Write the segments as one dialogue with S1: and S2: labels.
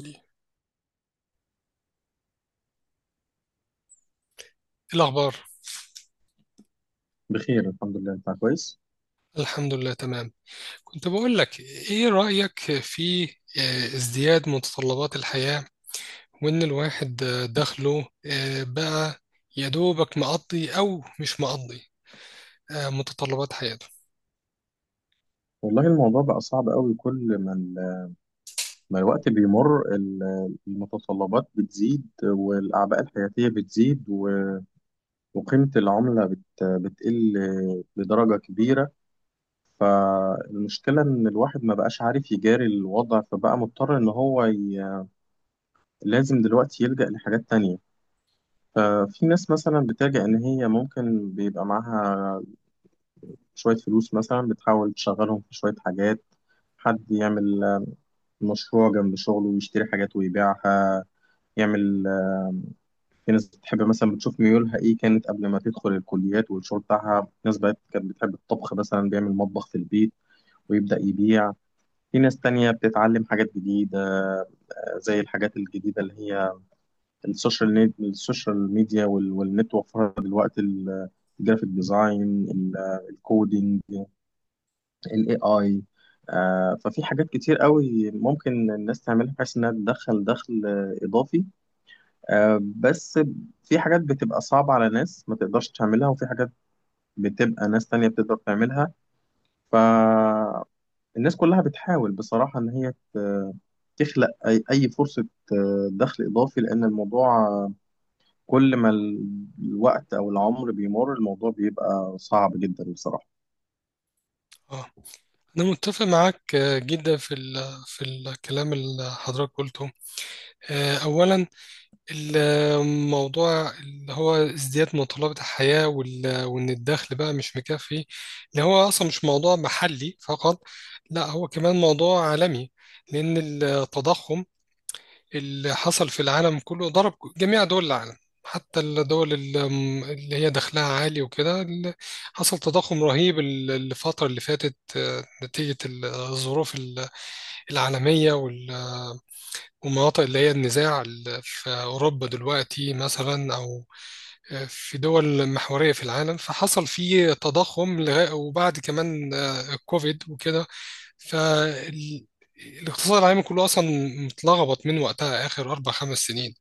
S1: إيه الأخبار؟
S2: بخير الحمد لله، انت كويس.
S1: الحمد لله، تمام. كنت بقول لك إيه رأيك في ازدياد متطلبات الحياة، وإن الواحد دخله بقى يا دوبك مقضي أو مش مقضي، متطلبات حياته.
S2: والله الموضوع بقى صعب قوي. كل ما الوقت بيمر، المتطلبات بتزيد، والأعباء الحياتية بتزيد، وقيمة العملة بتقل بدرجة كبيرة. فالمشكلة إن الواحد ما بقاش عارف يجاري الوضع، فبقى مضطر لازم دلوقتي يلجأ لحاجات تانية. ففي ناس مثلا بتلجأ إن هي ممكن بيبقى معاها شوية فلوس، مثلا بتحاول تشغلهم في شوية حاجات. حد يعمل مشروع جنب شغله ويشتري حاجات ويبيعها، يعمل آه، في ناس بتحب مثلا بتشوف ميولها ايه كانت قبل ما تدخل الكليات والشغل بتاعها. ناس بقت كانت بتحب الطبخ مثلا بيعمل مطبخ في البيت ويبدأ يبيع. في ناس تانية بتتعلم حاجات جديدة، زي الحاجات الجديدة اللي هي السوشيال ميديا والنت وفرها دلوقتي، الجرافيك ديزاين، ال- الكودينج، الاي اي. ففي حاجات كتير قوي ممكن الناس تعملها بحيث انها تدخل دخل اضافي، بس في حاجات بتبقى صعبة على ناس ما تقدرش تعملها، وفي حاجات بتبقى ناس تانية بتقدر تعملها. فالناس كلها بتحاول بصراحة إن هي تخلق أي فرصة دخل إضافي، لأن الموضوع كل ما الوقت أو العمر بيمر الموضوع بيبقى صعب جدا بصراحة.
S1: اه، أنا متفق معاك جدا في في الكلام اللي حضرتك قلته. أولا، الموضوع اللي هو ازدياد متطلبات الحياة وإن الدخل بقى مش مكفي، اللي هو أصلا مش موضوع محلي فقط، لا هو كمان موضوع عالمي، لأن التضخم اللي حصل في العالم كله ضرب جميع دول العالم. حتى الدول اللي هي دخلها عالي وكده. حصل تضخم رهيب الفترة اللي فاتت نتيجة الظروف العالمية، ومناطق اللي هي النزاع في أوروبا دلوقتي مثلا، أو في دول محورية في العالم. فحصل فيه تضخم وبعد كمان الكوفيد وكده. فالاقتصاد العالمي كله أصلا متلخبط من وقتها، آخر 4 5 سنين،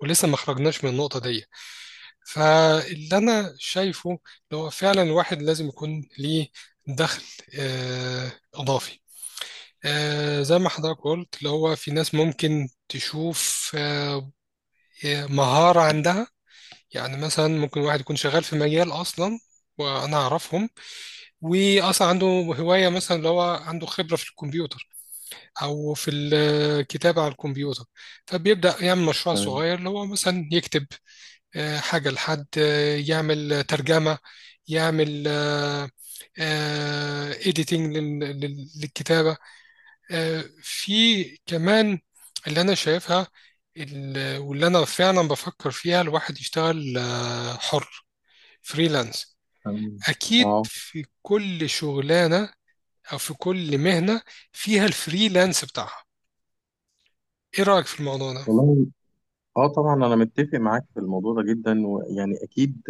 S1: ولسه ما خرجناش من النقطة دي. فاللي أنا شايفه اللي هو فعلا الواحد لازم يكون ليه دخل إضافي، زي ما حضرتك قلت، اللي هو في ناس ممكن تشوف مهارة عندها. يعني مثلا ممكن واحد يكون شغال في مجال أصلا، وأنا أعرفهم، وأصلا عنده هواية، مثلا اللي هو عنده خبرة في الكمبيوتر أو في الكتابة على الكمبيوتر، فبيبدأ يعمل مشروع
S2: تمام.
S1: صغير اللي هو مثلا يكتب حاجة لحد، يعمل ترجمة، يعمل إيديتنج للكتابة. في كمان اللي أنا شايفها، واللي أنا فعلا بفكر فيها، الواحد يشتغل حر، فريلانس.
S2: تمام.
S1: اكيد
S2: اه.
S1: في كل شغلانه، او في كل مهنه فيها الفريلانس بتاعها. ايه رايك في الموضوع ده؟
S2: والله، اه طبعا انا متفق معاك في الموضوع ده جدا، ويعني اكيد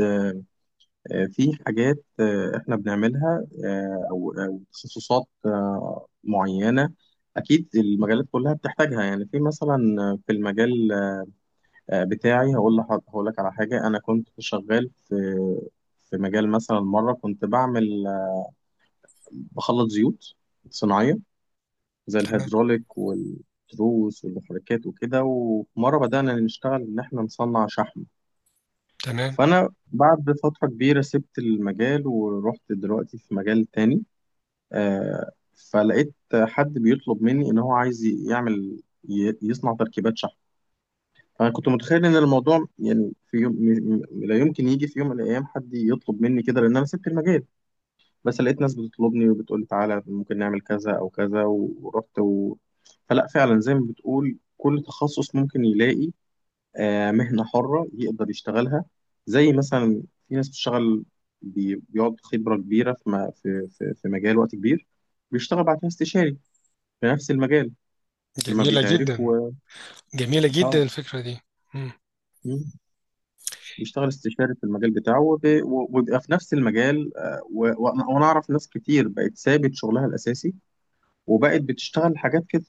S2: في حاجات، احنا بنعملها او تخصصات معينه. اكيد المجالات كلها بتحتاجها، يعني في مثلا في المجال بتاعي. هقول لك على حاجه. انا كنت شغال في مجال مثلا، مره كنت بعمل بخلط زيوت صناعيه، زي
S1: تمام،
S2: الهيدروليك والتروس والمحركات وكده، ومره بدانا نشتغل ان احنا نصنع شحم.
S1: تمام.
S2: فانا بعد فتره كبيره سبت المجال ورحت دلوقتي في مجال تاني، آه، فلقيت حد بيطلب مني ان هو عايز يصنع تركيبات شحن. فانا كنت متخيل ان الموضوع، يعني في يوم لا يمكن يجي في يوم من الايام حد يطلب مني كده، لان انا سبت المجال. بس لقيت ناس بتطلبني وبتقول لي تعالى ممكن نعمل كذا او كذا، ورحت. فلا، فعلا زي ما بتقول، كل تخصص ممكن يلاقي مهنة حرة يقدر يشتغلها. زي مثلا في ناس بتشتغل، بيقعد خبرة كبيرة في في مجال وقت كبير، بيشتغل بعد كده استشاري في نفس المجال لما
S1: جميله
S2: بيتعرف
S1: جدا.
S2: و
S1: جميله
S2: اه
S1: جدا الفكره دي. مم.
S2: مم. بيشتغل استشاري في المجال بتاعه وبيبقى في نفس المجال، وأنا أعرف ناس كتير بقت سابت شغلها الأساسي وبقت بتشتغل حاجات كده.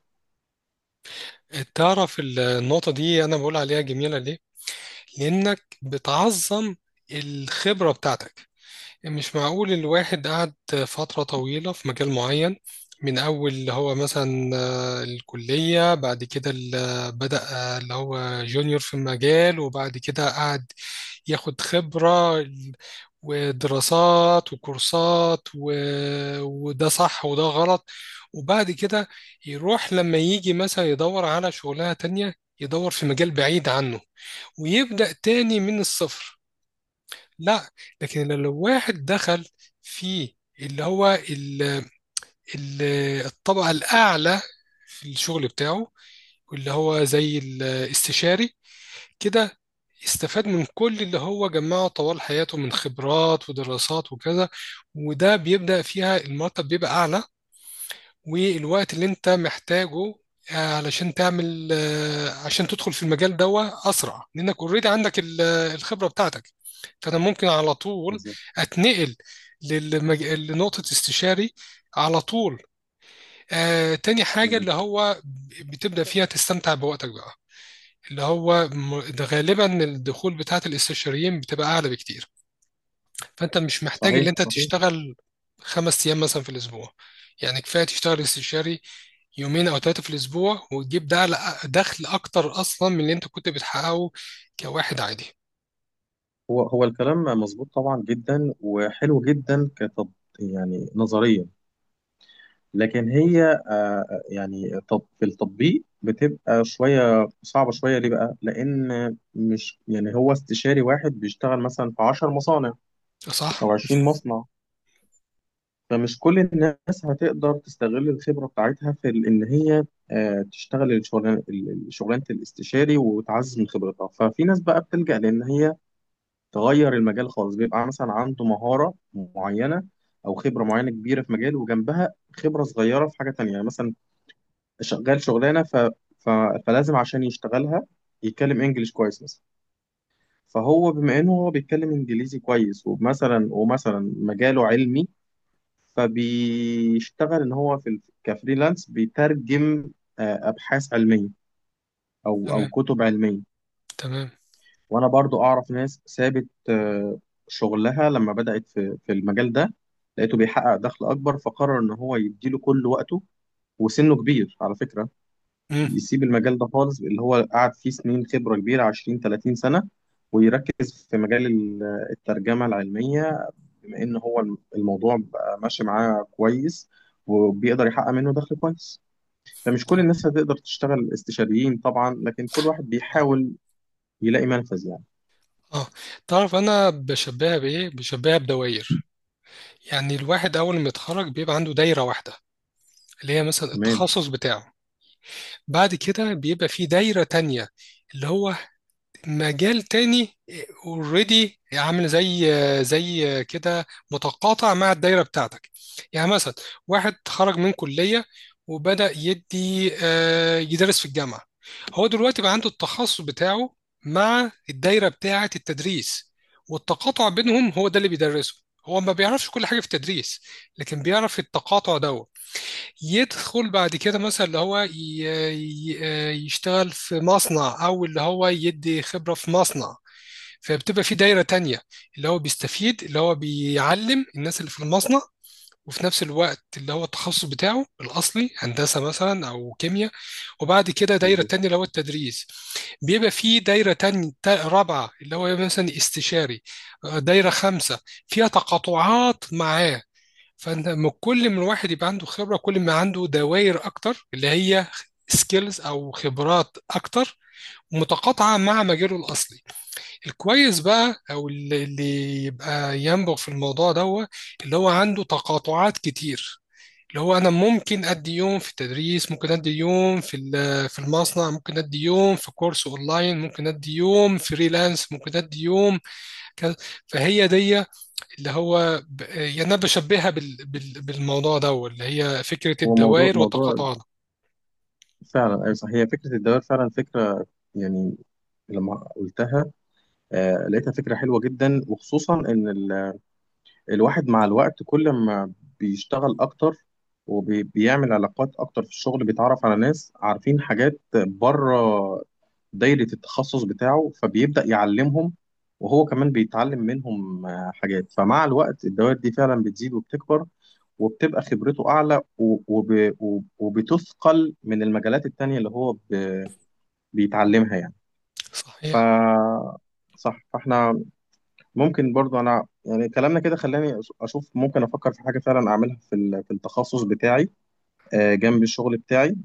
S1: تعرف النقطه دي انا بقول عليها جميله ليه؟ لانك بتعظم الخبره بتاعتك. مش معقول الواحد قعد فترة طويلة في مجال معين، من أول اللي هو مثلا الكلية، بعد كده بدأ اللي هو جونيور في المجال، وبعد كده قعد ياخد خبرة ودراسات وكورسات وده صح وده غلط. وبعد كده يروح لما يجي مثلا يدور على شغلانة تانية، يدور في مجال بعيد عنه، ويبدأ تاني من الصفر. لا. لكن لو واحد دخل في اللي هو ال الطبقة الأعلى في الشغل بتاعه، واللي هو زي الاستشاري كده، استفاد من كل اللي هو جمعه طوال حياته من خبرات ودراسات وكذا. وده بيبدأ فيها المرتب بيبقى أعلى، والوقت اللي انت محتاجه علشان تعمل عشان تدخل في المجال ده اسرع، لانك اوريدي عندك الخبره بتاعتك. فانا ممكن على طول
S2: بالظبط.
S1: اتنقل لنقطه استشاري على طول. تاني حاجه اللي
S2: بالظبط.
S1: هو بتبدا فيها تستمتع بوقتك بقى، اللي هو ده غالبا الدخول بتاعت الاستشاريين بتبقى اعلى بكتير. فانت مش محتاج
S2: صحيح.
S1: اللي انت
S2: صحيح.
S1: تشتغل 5 ايام مثلا في الاسبوع. يعني كفايه تشتغل استشاري يومين او 3 في الاسبوع، وتجيب ده دخل اكتر اصلا من اللي انت كنت بتحققه كواحد عادي،
S2: هو الكلام مظبوط طبعا، جدا وحلو جدا، كتط يعني نظريا. لكن هي يعني في التطبيق بتبقى شوية صعبة شوية. ليه بقى؟ لأن مش يعني هو استشاري واحد بيشتغل مثلا في 10 مصانع
S1: صح؟
S2: أو 20 مصنع. فمش كل الناس هتقدر تستغل الخبرة بتاعتها في إن هي تشتغل الشغلانة شغلانة الاستشاري وتعزز من خبرتها. ففي ناس بقى بتلجأ لأن هي تغير المجال خالص. بيبقى مثلا عنده مهارة معينة، أو خبرة معينة كبيرة في مجال، وجنبها خبرة صغيرة في حاجة تانية. يعني مثلا شغال شغلانة، ف... فلازم عشان يشتغلها يتكلم إنجليش كويس مثلا. فهو بما إنه هو بيتكلم إنجليزي كويس، ومثلا مجاله علمي، فبيشتغل ان هو في كفريلانس بيترجم ابحاث علميه، او
S1: تمام،
S2: كتب علميه.
S1: تمام.
S2: وانا برضو اعرف ناس سابت شغلها لما بدات في المجال ده، لقيته بيحقق دخل اكبر، فقرر ان هو يديله كل وقته، وسنه كبير على فكره.
S1: امم.
S2: يسيب المجال ده خالص اللي هو قعد فيه سنين خبره كبيره، 20 30 سنه، ويركز في مجال الترجمه العلميه، بما ان هو الموضوع بقى ماشي معاه كويس، وبيقدر يحقق منه دخل كويس. فمش كل
S1: اه،
S2: الناس هتقدر تشتغل استشاريين طبعا، لكن كل واحد
S1: اه.
S2: بيحاول يلاقي منفذ يعني.
S1: آه. تعرف انا بشبهها بايه؟ بشبهها بدوائر. يعني الواحد اول ما يتخرج بيبقى عنده دايره واحده اللي هي مثلا
S2: تمام.
S1: التخصص بتاعه. بعد كده بيبقى في دايره تانية اللي هو مجال تاني، اوريدي عامل زي كده، متقاطع مع الدايره بتاعتك. يعني مثلا واحد خرج من كليه، وبدأ يدي يدرس في الجامعه. هو دلوقتي بقى عنده التخصص بتاعه مع الدايره بتاعه التدريس، والتقاطع بينهم هو ده اللي بيدرسه. هو ما بيعرفش كل حاجه في التدريس، لكن بيعرف التقاطع ده. يدخل بعد كده مثلا اللي هو يشتغل في مصنع، او اللي هو يدي خبرة في مصنع، فبتبقى في دايرة تانية اللي هو بيستفيد، اللي هو بيعلم الناس اللي في المصنع، وفي نفس الوقت اللي هو التخصص بتاعه الأصلي هندسة مثلا أو كيمياء. وبعد كده دايرة
S2: مظبوط.
S1: تانية اللي هو التدريس. بيبقى في دايرة تانية رابعة اللي هو مثلا استشاري. دايرة خمسة فيها تقاطعات معاه. فانت كل ما الواحد يبقى عنده خبره، كل ما عنده دوائر اكتر اللي هي سكيلز او خبرات اكتر متقاطعه مع مجاله الاصلي. الكويس بقى او اللي يبقى ينبغ في الموضوع ده، اللي هو عنده تقاطعات كتير، اللي هو انا ممكن ادي يوم في التدريس، ممكن ادي يوم في المصنع، ممكن ادي يوم في كورس اونلاين، ممكن ادي يوم فريلانس، ممكن ادي يوم كذا. فهي دي اللي هو يعني أنا بشبهها بالموضوع ده اللي هي فكرة
S2: هو موضوع
S1: الدوائر
S2: موضوع
S1: وتقاطعنا.
S2: فعلا. أيوة صح، هي فكرة الدوائر فعلا فكرة يعني، لما قلتها لقيتها فكرة حلوة جدا، وخصوصا إن الواحد مع الوقت كل ما بيشتغل أكتر وبيعمل علاقات أكتر في الشغل، بيتعرف على ناس عارفين حاجات بره دايرة التخصص بتاعه فبيبدأ يعلمهم، وهو كمان بيتعلم منهم حاجات. فمع الوقت الدوائر دي فعلا بتزيد وبتكبر، وبتبقى خبرته أعلى وبتثقل من المجالات التانية اللي هو بيتعلمها يعني. ف
S1: صحيح.
S2: صح، فاحنا ممكن برضو، انا يعني كلامنا كده خلاني اشوف ممكن افكر في حاجه فعلا اعملها في في التخصص بتاعي، جنب الشغل بتاعي.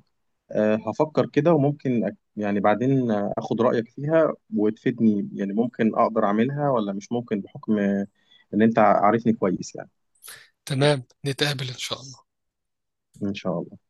S2: هفكر كده، وممكن يعني بعدين اخد رأيك فيها وتفيدني، يعني ممكن اقدر اعملها ولا مش ممكن، بحكم ان انت عارفني كويس يعني.
S1: تمام، نتقابل إن شاء الله.
S2: ان شاء الله.